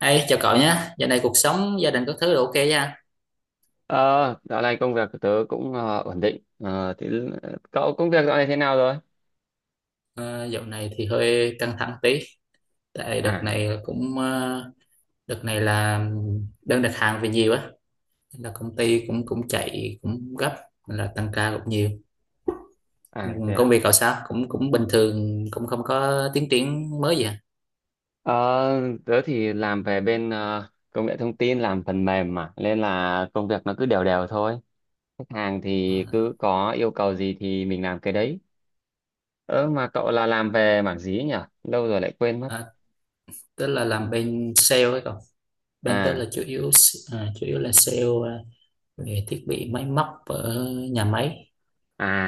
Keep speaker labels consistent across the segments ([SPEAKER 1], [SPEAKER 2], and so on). [SPEAKER 1] Hey, chào cậu nhé. Dạo này cuộc sống gia đình các thứ đều ok nha.
[SPEAKER 2] Ờ, Dạo này công việc của tớ cũng ổn định. Ờ, thì cậu công việc dạo này thế nào rồi?
[SPEAKER 1] Ờ, Dạo này thì hơi căng thẳng tí, tại đợt
[SPEAKER 2] À,
[SPEAKER 1] này cũng đợt này là đơn đặt hàng về nhiều á, nên là công ty cũng cũng chạy cũng gấp, nên là tăng ca cũng nhiều. Ừ,
[SPEAKER 2] à thế
[SPEAKER 1] Công
[SPEAKER 2] à.
[SPEAKER 1] việc cậu sao? Cũng cũng bình thường, cũng không có tiến triển mới gì à?
[SPEAKER 2] Ờ, Tớ thì làm về bên công nghệ thông tin, làm phần mềm mà, nên là công việc nó cứ đều đều thôi. Khách hàng
[SPEAKER 1] Ờ,
[SPEAKER 2] thì cứ có yêu cầu gì thì mình làm cái đấy. Ơ mà cậu là làm về mảng gì ấy nhỉ? Lâu rồi lại quên mất.
[SPEAKER 1] à, Tức là làm bên sale ấy cậu. Bên tớ là
[SPEAKER 2] À,
[SPEAKER 1] chủ yếu chủ yếu là sale, về thiết bị máy móc ở nhà máy,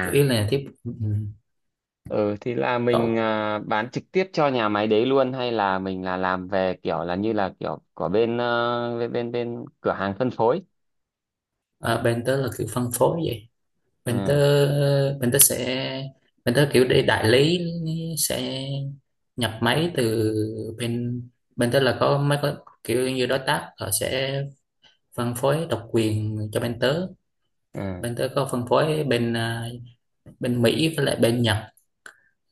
[SPEAKER 1] chủ yếu là thiết. Ừ.
[SPEAKER 2] Ừ thì là mình
[SPEAKER 1] Cậu,
[SPEAKER 2] bán trực tiếp cho nhà máy đấy luôn hay là mình là làm về kiểu là như là kiểu của bên ờ, bên bên, bên cửa hàng phân phối.
[SPEAKER 1] à, bên tớ là kiểu phân phối vậy. bên tớ
[SPEAKER 2] À,
[SPEAKER 1] bên tớ sẽ Bên tớ kiểu để đại lý sẽ nhập máy từ bên bên tớ. Là có mấy có kiểu như đối tác, họ sẽ phân phối độc quyền cho bên tớ.
[SPEAKER 2] à,
[SPEAKER 1] Bên tớ có phân phối bên, bên Mỹ với lại bên Nhật.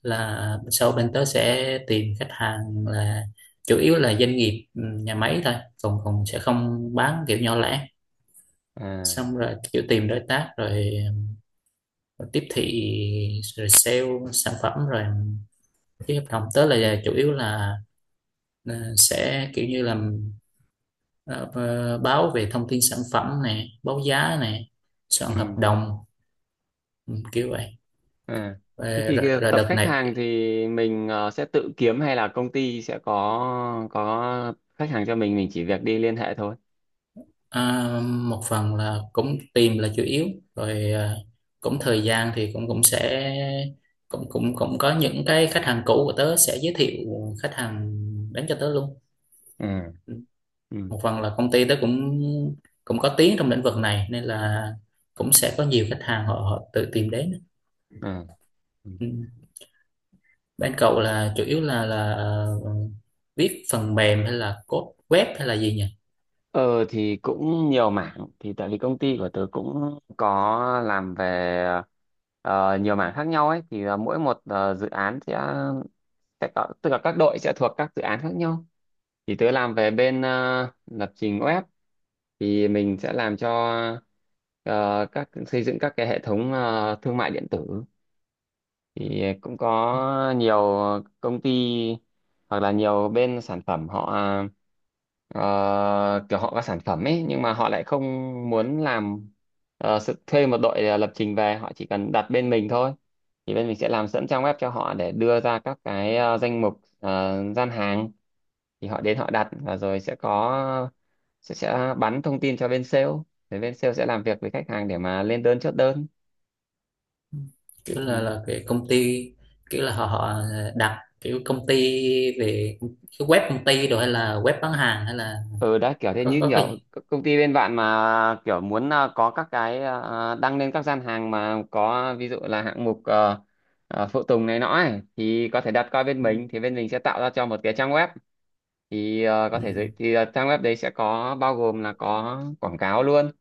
[SPEAKER 1] Là sau bên tớ sẽ tìm khách hàng là chủ yếu là doanh nghiệp, nhà máy thôi, còn còn sẽ không bán kiểu nhỏ lẻ.
[SPEAKER 2] à,
[SPEAKER 1] Xong rồi kiểu tìm đối tác, rồi rồi tiếp thị, rồi sale sản phẩm, rồi ký hợp đồng. Tớ là chủ yếu là sẽ kiểu như làm, ờ, báo về thông tin sản phẩm nè, báo giá nè, soạn hợp
[SPEAKER 2] ừ,
[SPEAKER 1] đồng. Ừ, kiểu vậy.
[SPEAKER 2] à. Thế
[SPEAKER 1] Ờ,
[SPEAKER 2] thì
[SPEAKER 1] rồi,
[SPEAKER 2] cái
[SPEAKER 1] rồi
[SPEAKER 2] tập
[SPEAKER 1] đợt
[SPEAKER 2] khách
[SPEAKER 1] này,
[SPEAKER 2] hàng thì mình sẽ tự kiếm hay là công ty sẽ có khách hàng cho mình chỉ việc đi liên hệ thôi.
[SPEAKER 1] ờ, một phần là cũng tìm là chủ yếu, rồi cũng thời gian thì cũng cũng sẽ cũng cũng cũng có những cái khách hàng cũ của tớ sẽ giới thiệu khách hàng đến cho tớ luôn.
[SPEAKER 2] Ừ,
[SPEAKER 1] Ừ.
[SPEAKER 2] ừ,
[SPEAKER 1] Một phần là công ty tớ cũng cũng có tiếng trong lĩnh vực này, nên là cũng sẽ có nhiều khách hàng họ, họ tự tìm đến.
[SPEAKER 2] à, ừ.
[SPEAKER 1] Ừ. Bên cậu là chủ yếu là viết phần mềm hay là code web hay là gì nhỉ?
[SPEAKER 2] Ờ thì cũng nhiều mảng thì tại vì công ty của tớ cũng có làm về nhiều mảng khác nhau ấy, thì là mỗi một dự án sẽ có, tức là các đội sẽ thuộc các dự án khác nhau. Thì tớ làm về bên lập trình web, thì mình sẽ làm cho ờ, các xây dựng các cái hệ thống thương mại điện tử. Thì cũng có nhiều công ty hoặc là nhiều bên sản phẩm họ ờ, kiểu họ có sản phẩm ấy, nhưng mà họ lại không muốn làm sự thuê một đội lập trình về, họ chỉ cần đặt bên mình thôi. Thì bên mình sẽ làm sẵn trang web cho họ để đưa ra các cái danh mục, gian hàng. Thì họ đến họ đặt, và rồi sẽ có sẽ bắn thông tin cho bên sale để bên sale sẽ làm việc với khách hàng để mà lên đơn, chốt đơn.
[SPEAKER 1] Kiểu là
[SPEAKER 2] Ừ.
[SPEAKER 1] cái công ty kiểu là họ họ đặt kiểu công ty về cái web công ty, rồi hay là web bán hàng, hay là
[SPEAKER 2] Ừ, đấy kiểu thế, như
[SPEAKER 1] có cái
[SPEAKER 2] nhiều
[SPEAKER 1] gì.
[SPEAKER 2] công ty bên bạn mà kiểu muốn có các cái đăng lên các gian hàng, mà có ví dụ là hạng mục phụ tùng này nọ ấy, thì có thể đặt qua bên
[SPEAKER 1] Ừ.
[SPEAKER 2] mình, thì bên mình sẽ tạo ra cho một cái trang web. Thì có
[SPEAKER 1] Ừ.
[SPEAKER 2] thể giới thì trang web đấy sẽ có bao gồm là có quảng cáo luôn.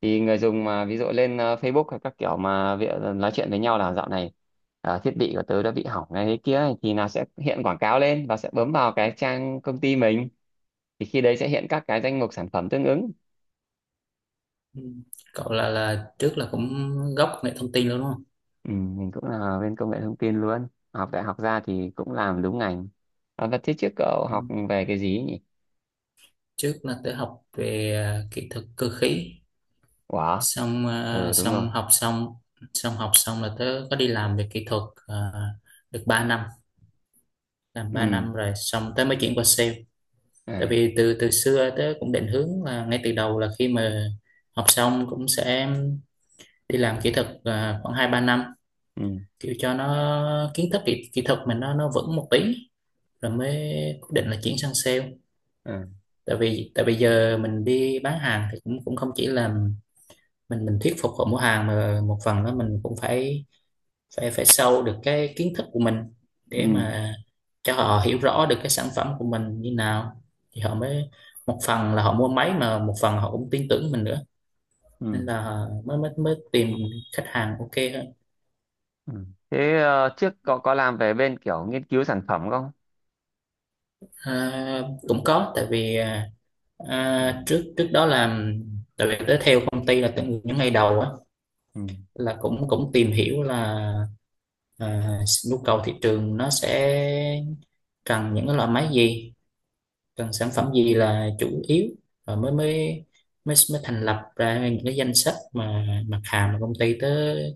[SPEAKER 2] Thì người dùng mà ví dụ lên Facebook hay các kiểu mà việc nói chuyện với nhau là dạo này thiết bị của tớ đã bị hỏng này thế kia ấy, thì là sẽ hiện quảng cáo lên, và sẽ bấm vào cái trang công ty mình, thì khi đấy sẽ hiện các cái danh mục sản phẩm tương ứng.
[SPEAKER 1] Ừ. Cậu là trước là cũng gốc nghệ thông tin luôn đúng không?
[SPEAKER 2] Ừ, mình cũng là bên công nghệ thông tin luôn. Học đại học ra thì cũng làm đúng ngành. À, và thế trước cậu
[SPEAKER 1] Ừ.
[SPEAKER 2] học về cái gì nhỉ?
[SPEAKER 1] Trước là tớ học về, kỹ thuật cơ khí,
[SPEAKER 2] Quả,
[SPEAKER 1] xong,
[SPEAKER 2] ừ đúng rồi,
[SPEAKER 1] xong học xong là tớ có đi làm về kỹ thuật, à, được 3 năm. Làm 3
[SPEAKER 2] ừ,
[SPEAKER 1] năm rồi xong tớ mới chuyển qua sale. Tại
[SPEAKER 2] à,
[SPEAKER 1] vì từ từ xưa tớ cũng định hướng là ngay từ đầu, là khi mà học xong cũng sẽ đi làm kỹ thuật khoảng 2 3 năm,
[SPEAKER 2] ừ,
[SPEAKER 1] kiểu cho nó kiến thức kỹ thuật mình nó vững một tí, rồi mới quyết định là chuyển sang sale.
[SPEAKER 2] à,
[SPEAKER 1] Tại vì tại bây giờ mình đi bán hàng thì cũng cũng không chỉ là mình thuyết phục họ mua hàng, mà một phần đó mình cũng phải phải phải sâu được cái kiến thức của mình, để
[SPEAKER 2] ừ,
[SPEAKER 1] mà cho họ hiểu rõ được cái sản phẩm của mình như nào. Thì họ mới, một phần là họ mua máy mà một phần họ cũng tin tưởng mình nữa,
[SPEAKER 2] ừ,
[SPEAKER 1] nên là mới mới mới tìm khách hàng ok hơn.
[SPEAKER 2] ừ. Thế trước cậu có làm về bên kiểu nghiên cứu sản phẩm không?
[SPEAKER 1] À, cũng có, tại vì trước trước đó là tại vì tới theo công ty là từ những ngày đầu á,
[SPEAKER 2] Ừ,
[SPEAKER 1] là cũng cũng tìm hiểu là à, nhu cầu thị trường nó sẽ cần những cái loại máy gì, cần sản phẩm gì là chủ yếu. Và mới mới mới mới thành lập ra những cái danh sách mà mặt hàng mà công ty tới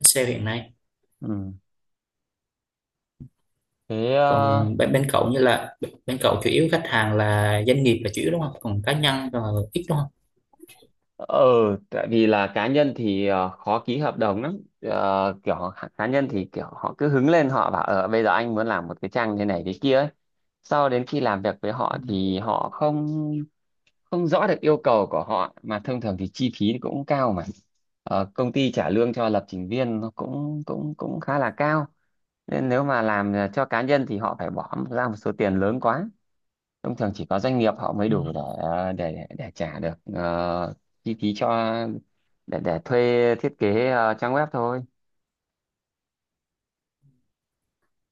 [SPEAKER 1] sale hiện nay.
[SPEAKER 2] ừ, thế
[SPEAKER 1] Còn bên cậu như là bên cậu chủ yếu khách hàng là doanh nghiệp là chủ yếu đúng không, còn cá nhân là ít đúng không?
[SPEAKER 2] ờ, tại vì là cá nhân thì khó ký hợp đồng lắm. Ờ, kiểu họ- cá nhân thì kiểu họ cứ hứng lên họ bảo ờ bây giờ anh muốn làm một cái trang thế này thế kia ấy. Sau đến khi làm việc với họ
[SPEAKER 1] Ừ.
[SPEAKER 2] thì họ không không rõ được yêu cầu của họ, mà thông thường thì chi phí cũng cao mà. Ờ, công ty trả lương cho lập trình viên nó cũng cũng cũng khá là cao. Nên nếu mà làm cho cá nhân thì họ phải bỏ ra một số tiền lớn quá, thông thường chỉ có doanh nghiệp họ mới
[SPEAKER 1] Ừ.
[SPEAKER 2] đủ để trả được chi phí cho để thuê thiết kế trang web thôi.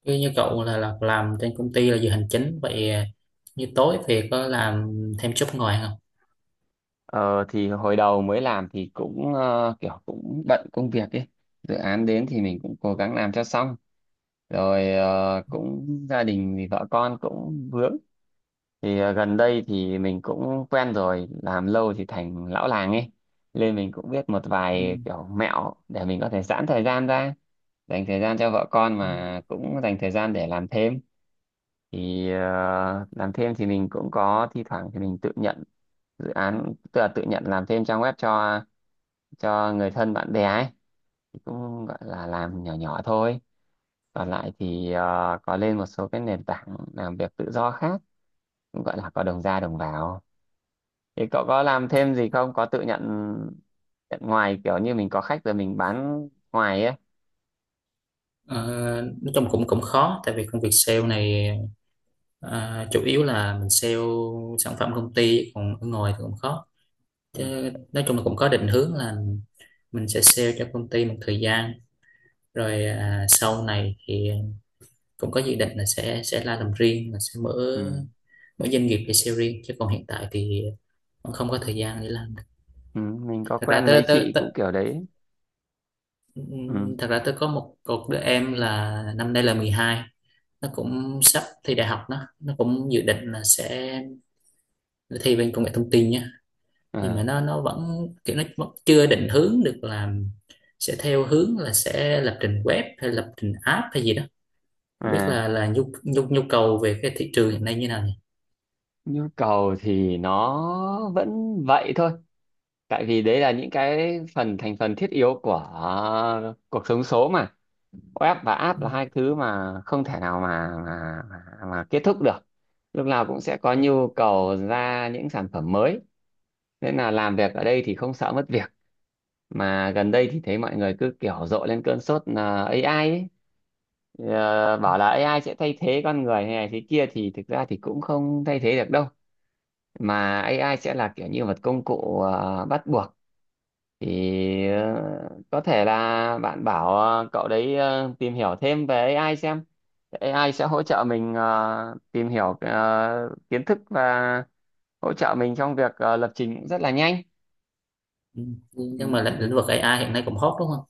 [SPEAKER 1] Như như cậu là làm trên công ty là giờ hành chính vậy à, như tối thì có làm thêm job ngoài không?
[SPEAKER 2] Ờ, thì hồi đầu mới làm thì cũng kiểu cũng bận công việc ấy, dự án đến thì mình cũng cố gắng làm cho xong. Rồi cũng gia đình thì vợ con cũng vướng, thì gần đây thì mình cũng quen rồi, làm lâu thì thành lão làng ấy, nên mình cũng biết một
[SPEAKER 1] Ừ.
[SPEAKER 2] vài kiểu mẹo để mình có thể giãn thời gian ra, dành thời gian cho vợ con
[SPEAKER 1] Ừ.
[SPEAKER 2] mà cũng dành thời gian để làm thêm. Thì làm thêm thì mình cũng có, thi thoảng thì mình tự nhận dự án, tức là tự nhận làm thêm trang web cho người thân bạn bè ấy, thì cũng gọi là làm nhỏ nhỏ thôi. Còn lại thì có lên một số cái nền tảng làm việc tự do khác, cũng gọi là có đồng ra đồng vào. Thì cậu có làm thêm gì không? Có tự nhận, nhận ngoài kiểu như mình có khách rồi mình bán ngoài ấy.
[SPEAKER 1] Ờ, nói chung cũng cũng khó tại vì công việc sale này, à, chủ yếu là mình sale sản phẩm công ty, còn ở ngoài thì cũng khó.
[SPEAKER 2] Ừ.
[SPEAKER 1] Chứ nói chung là cũng có định hướng là mình sẽ sale cho công ty một thời gian, rồi sau này thì cũng có dự định là sẽ ra làm riêng, là sẽ
[SPEAKER 2] Ừ.
[SPEAKER 1] mở mở doanh nghiệp để sale riêng, chứ còn hiện tại thì cũng không có thời gian để làm.
[SPEAKER 2] Ừ. Mình có
[SPEAKER 1] Thật ra
[SPEAKER 2] quen
[SPEAKER 1] tới
[SPEAKER 2] mấy
[SPEAKER 1] tới,
[SPEAKER 2] chị cũng
[SPEAKER 1] tới
[SPEAKER 2] kiểu đấy. Ừ.
[SPEAKER 1] thật ra tới có một cột đứa em là năm nay là 12, nó cũng sắp thi đại học. Nó cũng dự định là sẽ thi bên công nghệ thông tin nhé. Nhưng mà
[SPEAKER 2] À.
[SPEAKER 1] nó vẫn kiểu nó vẫn chưa định hướng được là sẽ theo hướng là sẽ lập trình web hay lập trình app hay gì đó. Không biết
[SPEAKER 2] À.
[SPEAKER 1] là nhu nhu nhu cầu về cái thị trường hiện nay như nào nhỉ?
[SPEAKER 2] Nhu cầu thì nó vẫn vậy thôi. Tại vì đấy là những cái phần thành phần thiết yếu của cuộc sống số mà. Web và app
[SPEAKER 1] Ừ,
[SPEAKER 2] là hai thứ mà không thể nào mà kết thúc được. Lúc nào cũng sẽ có nhu cầu ra những sản phẩm mới. Nên là làm việc ở đây thì không sợ mất việc. Mà gần đây thì thấy mọi người cứ kiểu rộ lên cơn sốt là AI ấy. Ờ, bảo là AI sẽ thay thế con người hay này thế kia, thì thực ra thì cũng không thay thế được đâu, mà AI sẽ là kiểu như một công cụ bắt buộc. Thì ờ, có thể là bạn bảo cậu đấy tìm hiểu thêm về AI xem, AI sẽ hỗ trợ mình tìm hiểu kiến thức, và hỗ trợ mình trong việc lập trình cũng rất là nhanh.
[SPEAKER 1] ừ.
[SPEAKER 2] Ừ,
[SPEAKER 1] Nhưng mà lĩnh lĩnh vực AI hiện nay cũng hot đúng không,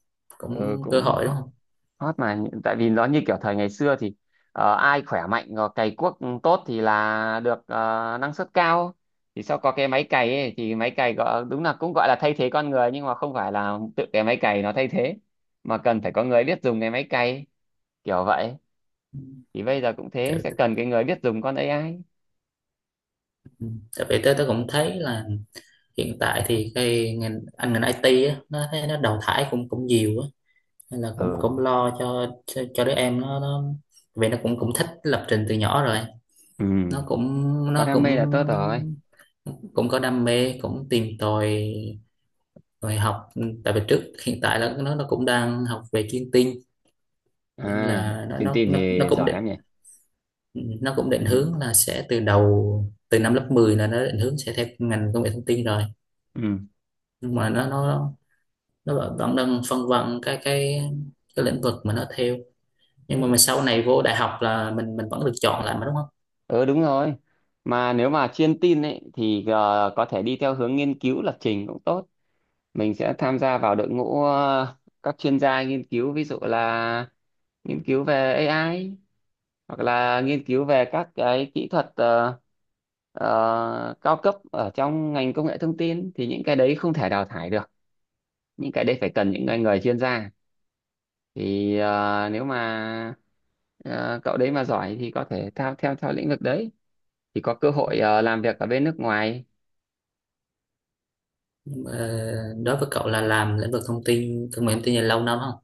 [SPEAKER 2] ừ,
[SPEAKER 1] cũng cơ
[SPEAKER 2] cũng
[SPEAKER 1] hội đúng không?
[SPEAKER 2] hot mà Nhị- tại vì nó như kiểu thời ngày xưa thì ai khỏe mạnh rồi cày cuốc tốt thì là được năng suất cao. Thì sau có cái máy cày ấy, thì máy cày gọi, đúng là cũng gọi là thay thế con người, nhưng mà không phải là tự cái máy cày nó thay thế, mà cần phải có người biết dùng cái máy cày, kiểu vậy.
[SPEAKER 1] Ừ.
[SPEAKER 2] Thì bây giờ cũng thế,
[SPEAKER 1] tại,
[SPEAKER 2] sẽ cần cái người biết dùng con AI.
[SPEAKER 1] ừ. Tại vì tôi cũng thấy là hiện tại thì cái ngành ngành IT á, nó thấy nó đào thải cũng cũng nhiều á, nên là cũng
[SPEAKER 2] Ừ,
[SPEAKER 1] cũng lo cho cho đứa em. Nó Vì nó cũng cũng thích lập trình từ nhỏ rồi.
[SPEAKER 2] ừ,
[SPEAKER 1] Nó cũng
[SPEAKER 2] có
[SPEAKER 1] nó
[SPEAKER 2] đam mê
[SPEAKER 1] cũng
[SPEAKER 2] là tốt rồi.
[SPEAKER 1] Cũng có đam mê, cũng tìm tòi rồi học. Tại vì trước hiện tại là nó cũng đang học về chiêm tinh, nên
[SPEAKER 2] À,
[SPEAKER 1] là
[SPEAKER 2] truyền tin thì giỏi lắm nhỉ.
[SPEAKER 1] nó cũng định
[SPEAKER 2] Ừ,
[SPEAKER 1] hướng là sẽ từ năm lớp 10 là nó định hướng sẽ theo ngành công nghệ thông tin rồi. Nhưng mà nó nó vẫn vẫn đang phân vân cái lĩnh vực mà nó theo. Nhưng mà
[SPEAKER 2] ừ.
[SPEAKER 1] mình sau này vô đại học là mình vẫn được chọn lại mà đúng không?
[SPEAKER 2] Ừ đúng rồi. Mà nếu mà chuyên tin ấy thì có thể đi theo hướng nghiên cứu lập trình cũng tốt. Mình sẽ tham gia vào đội ngũ các chuyên gia nghiên cứu, ví dụ là nghiên cứu về AI hoặc là nghiên cứu về các cái kỹ thuật cao cấp ở trong ngành công nghệ thông tin, thì những cái đấy không thể đào thải được. Những cái đấy phải cần những người chuyên gia. Thì nếu mà cậu đấy mà giỏi thì có thể theo theo theo lĩnh vực đấy, thì có cơ hội làm việc ở bên nước ngoài.
[SPEAKER 1] Ờ, đối với cậu là làm lĩnh vực thông tin công nghệ thông tin là lâu năm không,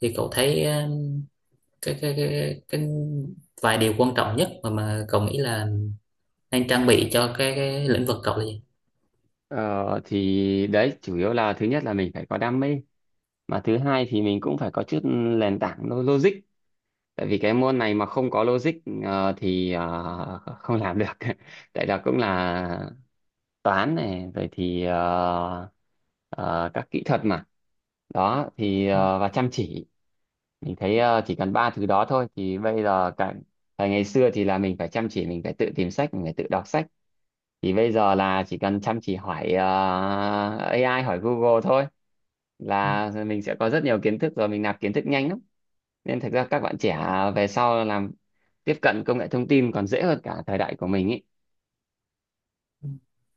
[SPEAKER 1] thì cậu thấy ờ, cái vài điều quan trọng nhất mà cậu nghĩ là nên trang bị cho cái lĩnh vực cậu là gì?
[SPEAKER 2] Ờ, thì đấy chủ yếu là thứ nhất là mình phải có đam mê, mà thứ hai thì mình cũng phải có chút nền tảng logic. Tại vì cái môn này mà không có logic thì không làm được tại là cũng là toán này rồi thì các kỹ thuật mà đó. Thì và chăm chỉ, mình thấy chỉ cần ba thứ đó thôi thì bây giờ cả. Thời ngày xưa thì là mình phải chăm chỉ, mình phải tự tìm sách, mình phải tự đọc sách, thì bây giờ là chỉ cần chăm chỉ hỏi AI, hỏi Google thôi, là mình sẽ có rất nhiều kiến thức, rồi mình nạp kiến thức nhanh lắm. Nên thật ra các bạn trẻ về sau làm tiếp cận công nghệ thông tin còn dễ hơn cả thời đại của mình ý.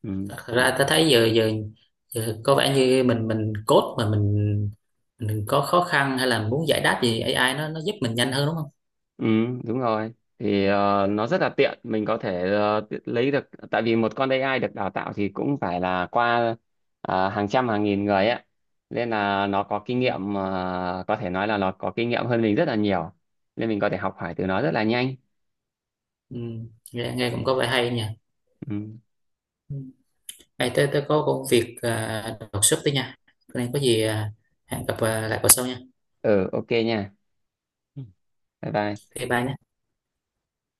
[SPEAKER 2] Ừ.
[SPEAKER 1] Thật ra ta thấy giờ giờ giờ có vẻ như mình code mà mình có khó khăn hay là muốn giải đáp gì, AI nó giúp mình nhanh hơn đúng không?
[SPEAKER 2] Ừ đúng rồi. Thì nó rất là tiện, mình có thể lấy được, tại vì một con AI được đào tạo thì cũng phải là qua hàng trăm hàng nghìn người ấy, nên là nó có kinh
[SPEAKER 1] Ừ.
[SPEAKER 2] nghiệm, có thể nói là nó có kinh nghiệm hơn mình rất là nhiều, nên mình có thể học hỏi từ nó rất là nhanh.
[SPEAKER 1] Ừ. Nghe cũng có vẻ hay nha.
[SPEAKER 2] Ừ,
[SPEAKER 1] Ừ. Ê, tớ có công việc đột xuất tí nha, cái này có gì, hẹn gặp, lại vào sau nha.
[SPEAKER 2] ừ ok nha. Ừ. Bye bye.
[SPEAKER 1] Thì bạn